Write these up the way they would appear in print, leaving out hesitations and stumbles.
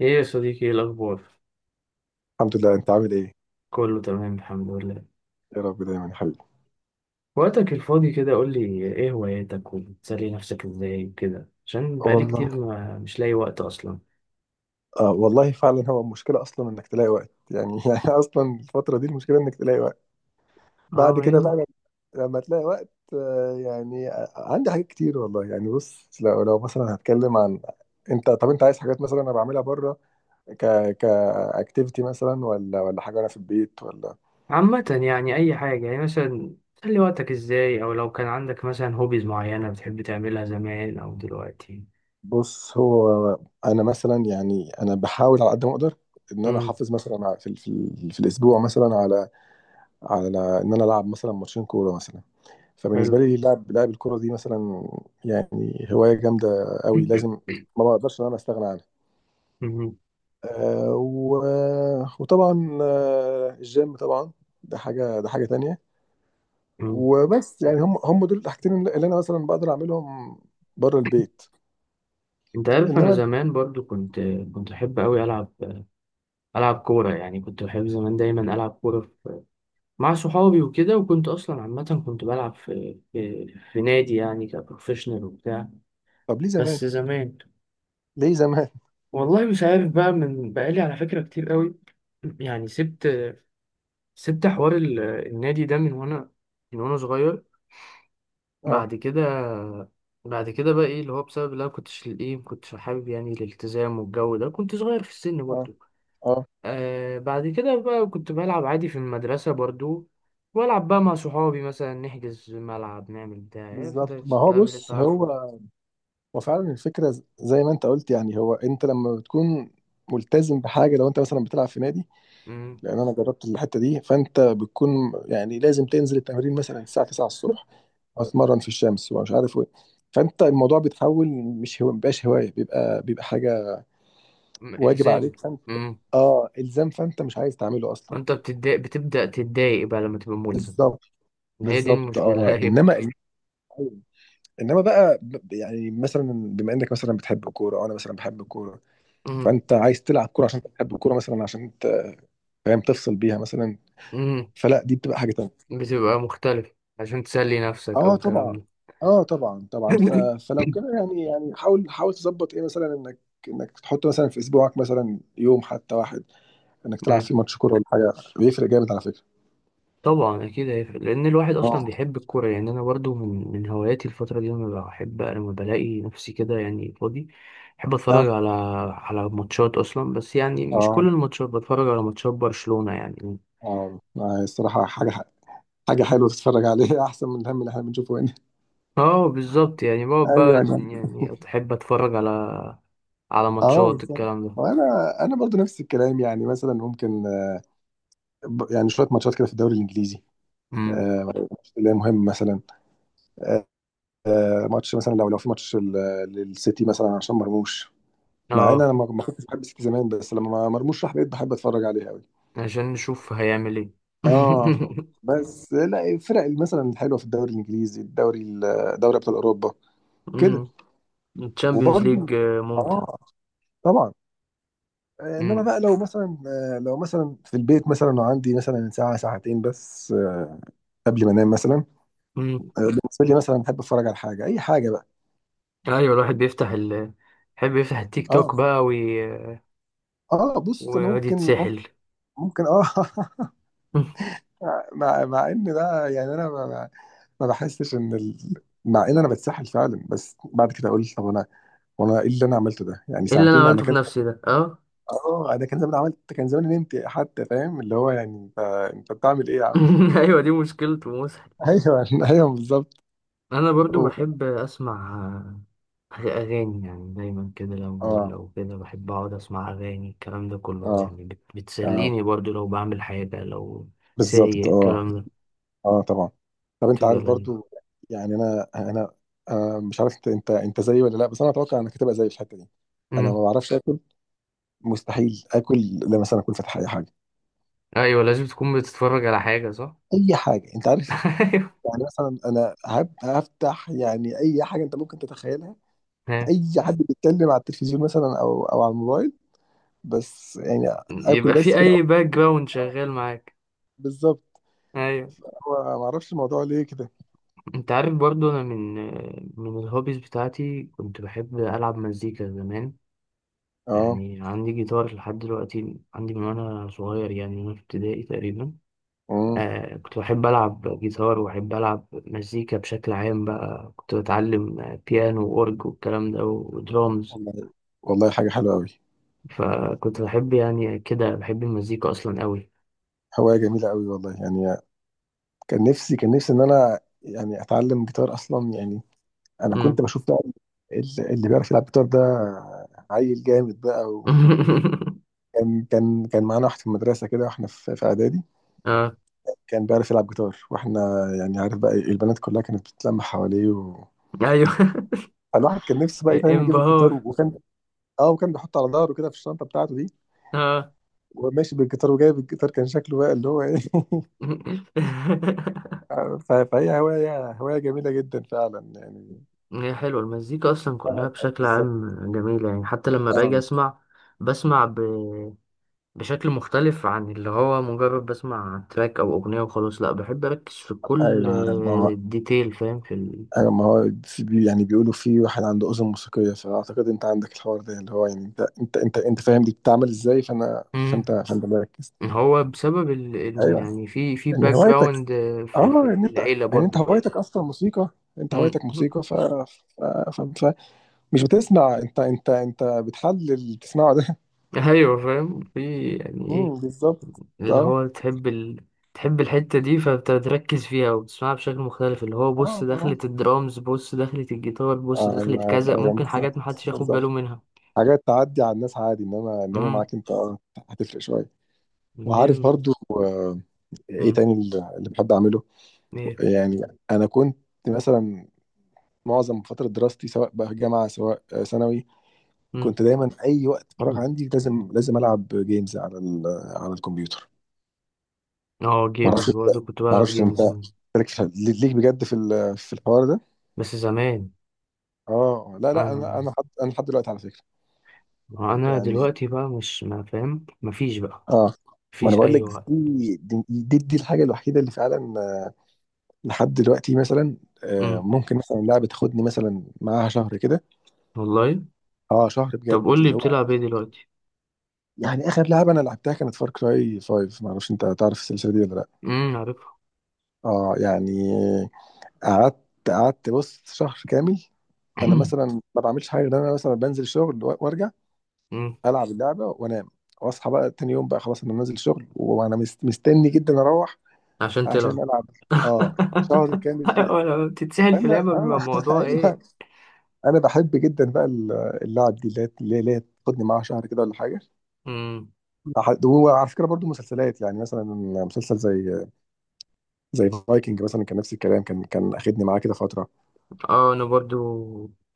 ايه يا صديقي، ايه الاخبار؟ الحمد لله، انت عامل ايه؟ كله تمام الحمد لله. يا رب دايما يا حبيبي. وقتك الفاضي كده قول لي ايه هواياتك وبتسلي نفسك ازاي وكده، عشان بقالي والله. كتير ما مش لاقي وقت اصلا. آه والله فعلا هو المشكله اصلا انك تلاقي وقت يعني. يعني اصلا الفتره دي المشكله انك تلاقي وقت اه، بعد ما كده هي- بقى. لما تلاقي وقت يعني عندي حاجات كتير والله يعني. بص لو مثلا هتكلم عن طب انت عايز حاجات مثلا انا بعملها بره، ك كاكتيفيتي مثلا ولا حاجه انا في البيت ولا. عامة يعني اي حاجة، يعني مثلا تسلي وقتك ازاي، او لو كان عندك مثلا هوبيز معينة بتحب تعملها زمان او دلوقتي. بص هو انا مثلا يعني انا بحاول على قد ما اقدر ان انا امم. احافظ مثلا في في الاسبوع مثلا على ان انا العب مثلا ماتشين كوره مثلا. فبالنسبه حلو. لي لعب الكوره دي مثلا يعني هوايه جامده قوي، لازم ما بقدرش ان انا استغنى عنها. مم. آه و... وطبعا الجيم طبعا، ده حاجه، ده حاجه تانية. مم. وبس يعني هم دول الحاجتين اللي انا مثلا بقدر اعملهم بره البيت. انت عارف انا انما زمان برضو كنت احب قوي العب كورة، يعني كنت بحب زمان دايما العب كورة مع صحابي وكده، وكنت اصلا عامه كنت بلعب في نادي يعني كبروفيشنال وبتاع. طب ليه زمان، بس زمان. ليه زمان؟ والله مش عارف بقى، من بقالي على فكره كتير قوي، يعني سبت حوار ال- النادي ده من وانا صغير. اه، بعد كده بقى ايه اللي هو بسبب اللي انا كنتش ايه ما كنتش حابب يعني الالتزام والجو ده، كنت صغير في السن اه، برضه. اه، آه بعد كده بقى كنت بلعب عادي في المدرسة برضو، والعب بقى مع صحابي مثلا نحجز ملعب نعمل بتاع، عارف انت بالظبط، ما هو الكلام اللي انت بص عارفه هو. ده. وفعلا الفكرة زي ما انت قلت يعني. هو انت لما بتكون ملتزم بحاجة لو انت مثلا بتلعب في نادي، مم. لان انا جربت الحتة دي، فانت بتكون يعني لازم تنزل التمرين مثلا الساعة 9 الصبح، اتمرن في الشمس ومش عارف ايه. فانت الموضوع بيتحول، مش هو مبقاش هواية، بيبقى حاجة م- واجب الزامي. عليك، فانت مم. اه الزام، فانت مش عايز تعمله اصلا. فانت بتتضايق، بتبدأ تتضايق بقى لما تبقى ملزم. بالظبط، هي دي بالظبط، المشكلة. اه. ايوه. انما بقى يعني مثلا بما انك مثلا بتحب الكوره وانا مثلا بحب الكوره، مم. فانت عايز تلعب كوره عشان تحب الكوره مثلا، عشان فاهم تفصل بيها مثلا، مم. فلا دي بتبقى حاجه تانيه. بتبقى مختلف عشان تسلي نفسك او اه الكلام طبعا، ده. اه طبعا، طبعا. فلو كده يعني يعني حاول تظبط ايه مثلا انك تحط مثلا في اسبوعك مثلا يوم حتى واحد انك تلعب مم. فيه ماتش كوره ولا حاجه، بيفرق جامد على فكره. طبعا اكيد هيفرق، لان الواحد اه، اصلا بيحب الكوره، يعني انا برضو من هواياتي الفتره دي، لما بحب لما بلاقي نفسي كده يعني فاضي، بحب اتفرج اه، على ماتشات اصلا، بس يعني مش اه، كل الماتشات، بتفرج على ماتشات برشلونه يعني. اه، الصراحه حاجه حلوه تتفرج عليها احسن من الهم اللي احنا بنشوفه هنا. اه بالظبط، يعني بقعد ايوه، بقى انا يعني احب اتفرج على اه ماتشات بالظبط. الكلام ده. وانا انا برضو نفس الكلام يعني، مثلا ممكن يعني شويه ماتشات كده في الدوري الانجليزي، امم. آه، اللي هي مهم مثلا، آه، ماتش مثلا لو في ماتش للسيتي مثلا عشان مرموش. مع ان انا اه ما كنتش بحب السيتي زمان، بس لما مرموش راح بقيت بحب اتفرج عليه قوي. عشان نشوف هيعمل ايه. اه، بس لا، الفرق مثلا الحلوه في الدوري الانجليزي، الدوري دوري ابطال اوروبا كده، امم. الشامبيونز وبرده ليج ممتع. اه طبعا. انما بقى لو مثلا لو مثلا في البيت مثلا وعندي مثلا ساعه ساعتين بس، قبل ما انام مثلا، امم. بالنسبه لي مثلا بحب اتفرج على حاجه اي حاجه بقى. ايوه، الواحد بيفتح ال يحب يفتح التيك اه، توك بقى اه، بص انا ويقعد ممكن يتسحل. ممكن اه. مع ان ده يعني انا ما بحسش ان مع ان انا بتسحل فعلا، بس بعد كده اقول طب انا وانا ايه اللي انا عملته ده؟ يعني ايه اللي انا ساعتين انا عملته في كان. نفسي ده. اه. اه. انا كان زمان عملت كان زمان نمت حتى، فاهم اللي هو يعني انت بتعمل ايه يا عم؟ ايوه، دي مشكلته مسحل. ايوه، ايوه، بالظبط. انا برضو و- بحب اسمع اغاني، يعني دايما كده، لو اه، كده بحب اقعد اسمع اغاني الكلام ده كله اه، يعني اه، بتسليني برضو لو بعمل حاجه لو سايق بالظبط، اه. الكلام ده اه طبعا. طب انت بتبقى عارف لذيذ. برضو يعني انا انا آه مش عارف انت زيي ولا لا، بس انا اتوقع انك هتبقى زيي في الحته دي. انا أمم. ما بعرفش اكل، مستحيل اكل لما مثلا اكون فاتح اي حاجه، ايوه لازم تكون بتتفرج على حاجه صح. اي حاجه انت عارف. ايوه. يعني مثلا انا هفتح يعني اي حاجه انت ممكن تتخيلها، ها. اي حد بيتكلم على التلفزيون مثلا او على الموبايل، بس يعني اكل يبقى بس في كده. اي باك جراوند شغال معاك. بالظبط، ايوه. هو ما اعرفش الموضوع ليه كده. انت عارف برضو انا من الهوبيز بتاعتي كنت بحب العب مزيكا زمان. اه، يعني عندي جيتار لحد دلوقتي، عندي من وانا صغير، يعني من وانا في ابتدائي تقريبا. امم، آه كنت بحب العب جيتار وبحب العب مزيكا بشكل عام، بقى كنت بتعلم بيانو واورج والكلام ده ودرامز. والله والله، حاجه حلوه قوي، فكنت بحب يعني كده بحب المزيكا اصلا قوي. هوايه جميله قوي والله يعني. كان نفسي ان انا يعني اتعلم جيتار اصلا يعني. انا كنت مم. بشوف بقى اللي بيعرف يلعب جيتار ده عيل جامد بقى. وكان كان معانا واحد في المدرسه كده واحنا في اعدادي، اه. كان بيعرف يلعب جيتار واحنا يعني عارف بقى البنات كلها كانت بتتلم حواليه، و... ايوه. فالواحد كان نفسه بقى فاهم يجيب الجيتار، انبهار. وكان اه وكان بيحطه على ظهره كده في الشنطه بتاعته دي، اه. وماشي بالجيتار وجايب الجيتار كان شكله بقى اللي هو ايه. فهي هوايه جميله جدا فعلا يعني. هي حلوة المزيكا أصلا كلها اه، بشكل بالظبط، عام جميلة، يعني حتى لما باجي اه. أسمع، بسمع بشكل مختلف عن اللي هو مجرد بسمع تراك أو أغنية وخلاص، لأ بحب أركز في كل ايوه ما هو، ديتيل، فاهم في ايوه ما هو يعني بيقولوا في واحد عنده اذن موسيقيه، فاعتقد انت عندك الحوار ده اللي هو يعني انت فاهم دي بتتعمل ازاي، فانا فانت مم. فانت مركز. إن هو بسبب إن ايوه، يعني في ان باك هوايتك جراوند اه ان في انت العيلة يعني انت برضو فاهم. هوايتك اصلا موسيقى، انت مم. هوايتك موسيقى. ف... ف... مش بتسمع، انت انت بتحلل اللي بتسمعه ده. أيوة فاهم، في يعني إيه بالظبط. اللي اه، هو تحب تحب الحتة دي فبتركز فيها وبتسمعها بشكل مختلف، اللي هو اه، بص دخلة اه، الدرامز، بص دخلة الجيتار، بص دخلة ايوه، كذا، ايوه ممكن حاجات بالظبط، محدش ياخد باله بالظبط. منها. حاجات تعدي على الناس عادي، انما امم. معاك انت اه هتفرق شويه. وعارف منين. برضو ايه امم. تاني اللي بحب اعمله؟ ايه. يعني انا كنت مثلا معظم فتره دراستي سواء بقى جامعه سواء ثانوي، امم. كنت دايما في اي وقت فراغ عندي لازم لازم العب جيمز على على الكمبيوتر. اه ما جيمز اعرفش انت برضه كنت ما بلعب اعرفش انت جيمز ليك ليك بجد في في الحوار ده. بس زمان. اه لا لا، انا انا انا حد انا لحد دلوقتي على فكره يعني. دلوقتي بقى مش ما فاهم مفيش بقى، اه، ما انا مفيش بقول اي لك وقت. دي الحاجه الوحيده اللي فعلا، لحد دلوقتي مثلا، امم. ممكن مثلا لعبه تاخدني مثلا معاها شهر كده. والله. اه شهر طب بجد قول لي اللي هو بتلعب ايه دلوقتي. يعني، اخر لعبه انا لعبتها كانت فار كراي 5، ما اعرفش انت تعرف السلسله دي ولا لا. عارفها. اه يعني، قعدت قعدت بص شهر كامل انا مثلا ما بعملش حاجه غير إن انا مثلا بنزل الشغل وارجع امم. العب اللعبه وانام، واصحى بقى تاني يوم بقى خلاص انا نازل الشغل وانا مستني جدا اروح عشان عشان تلعب. العب. اه، شهر كامل كده. أيوة، لما بتتسهل في انا لعبة بيبقى انا الموضوع ايوه، ايه. انا بحب جدا بقى اللعب دي اللي هي تاخدني معاها شهر كده ولا حاجه. امم. وعلى فكره برضو مسلسلات يعني مثلا مسلسل زي فايكنج مثلا كان نفس الكلام، كان اخدني معاه كده فتره. اه انا برضو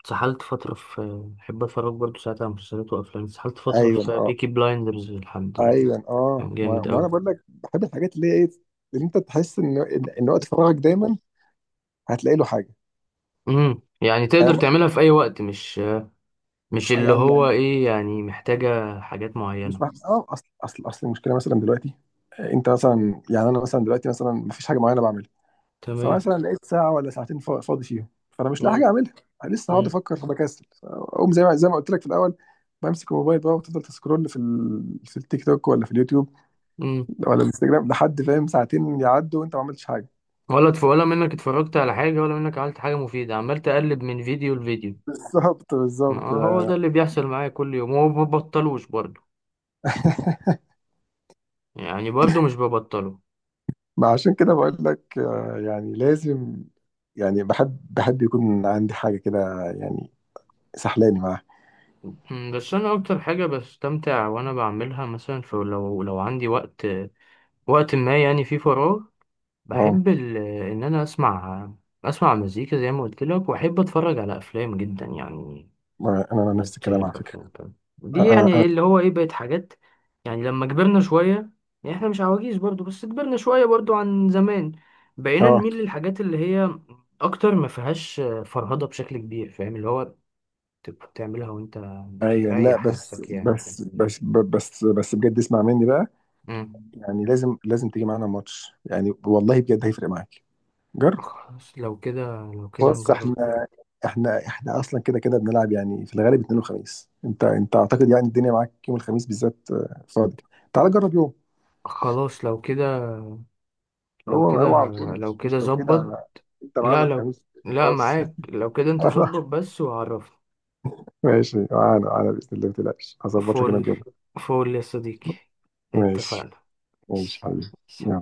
اتسحلت فترة في بحب اتفرج برضو ساعات على مسلسلات وافلام، اتسحلت فترة ايوه في آه. بيكي بلايندرز لحد. ايوه، اه، كان ما جامد ما انا اوي. بقول لك بحب الحاجات اللي هي ايه اللي انت تحس ان ان إن وقت فراغك دايما هتلاقي له حاجه. امم. يعني تقدر أم- تعملها في اي وقت، مش اللي يعني هو يعني ايه، يعني محتاجة حاجات مش معينة. اه، اصل المشكله مثلا دلوقتي، انت مثلا يعني انا مثلا دلوقتي مثلا ما فيش حاجه معينه بعملها، تمام. فمثلا لقيت ساعه ولا ساعتين فاضي فيهم، فانا مش لاقي مم. حاجه اعملها. لسه هقعد مم. افكر، فبكسل اقوم زي ما قلت لك في الاول، بمسك الموبايل بقى وتفضل تسكرول في في التيك توك ولا في اليوتيوب مم. ولا الانستجرام، لحد فاهم ساعتين يعدوا وانت ما عملتش حاجه. ولا ولا منك اتفرجت على حاجة، ولا منك عملت حاجة مفيدة، عمال تقلب من فيديو لفيديو. بالظبط، ما بالظبط. هو ده اللي بيحصل معايا كل يوم، وما ببطلوش برضه، يعني برضو مش ببطله. ما عشان كده بقول لك يعني لازم، يعني بحب يكون عندي حاجة كده يعني سحلاني معاها. مم، بس انا اكتر حاجة بستمتع وانا بعملها مثلا في، لو عندي وقت وقت ما يعني في فراغ، اه بحب ان انا اسمع مزيكا زي ما قلت لك، واحب اتفرج على افلام جدا يعني، ما انا نفس بتشغل الكلام على فكرة. بافلام كده. دي اه، يعني إيه اه، اللي هو ايه، بقت حاجات يعني لما كبرنا شوية، يعني احنا مش عواجيز برضو بس كبرنا شوية برضو عن زمان، بقينا آه، نميل للحاجات اللي هي اكتر ما فيهاش فرهضة بشكل كبير، فاهم اللي هو تبقى بتعملها وانت ايوه. لا مريح بس نفسك يعني فاهم. بس بس بس بس بجد اسمع مني بقى، مم. يعني لازم لازم تيجي معانا ماتش يعني والله بجد هيفرق معاك، جرب. خلاص لو كده بص نجرب. احنا احنا اصلا كده كده بنلعب يعني في الغالب اثنين وخميس. انت اعتقد يعني الدنيا معاك يوم الخميس بالذات فاضي، تعال جرب يوم. خلاص لو كده. لو هو كده هو على طول، مش لو كده، ظبط. انت لا معانا لو، الخميس. لا خلاص. معاك لو كده انت ظبط بس وعرفني. ماشي، معانا معانا بإذن الله، ما تقلقش، هظبط لك انا فول، الجو. فول يا صديقي. ماشي، اتفقنا. ماشي ماشي. حبيبي. يلا. ماشي.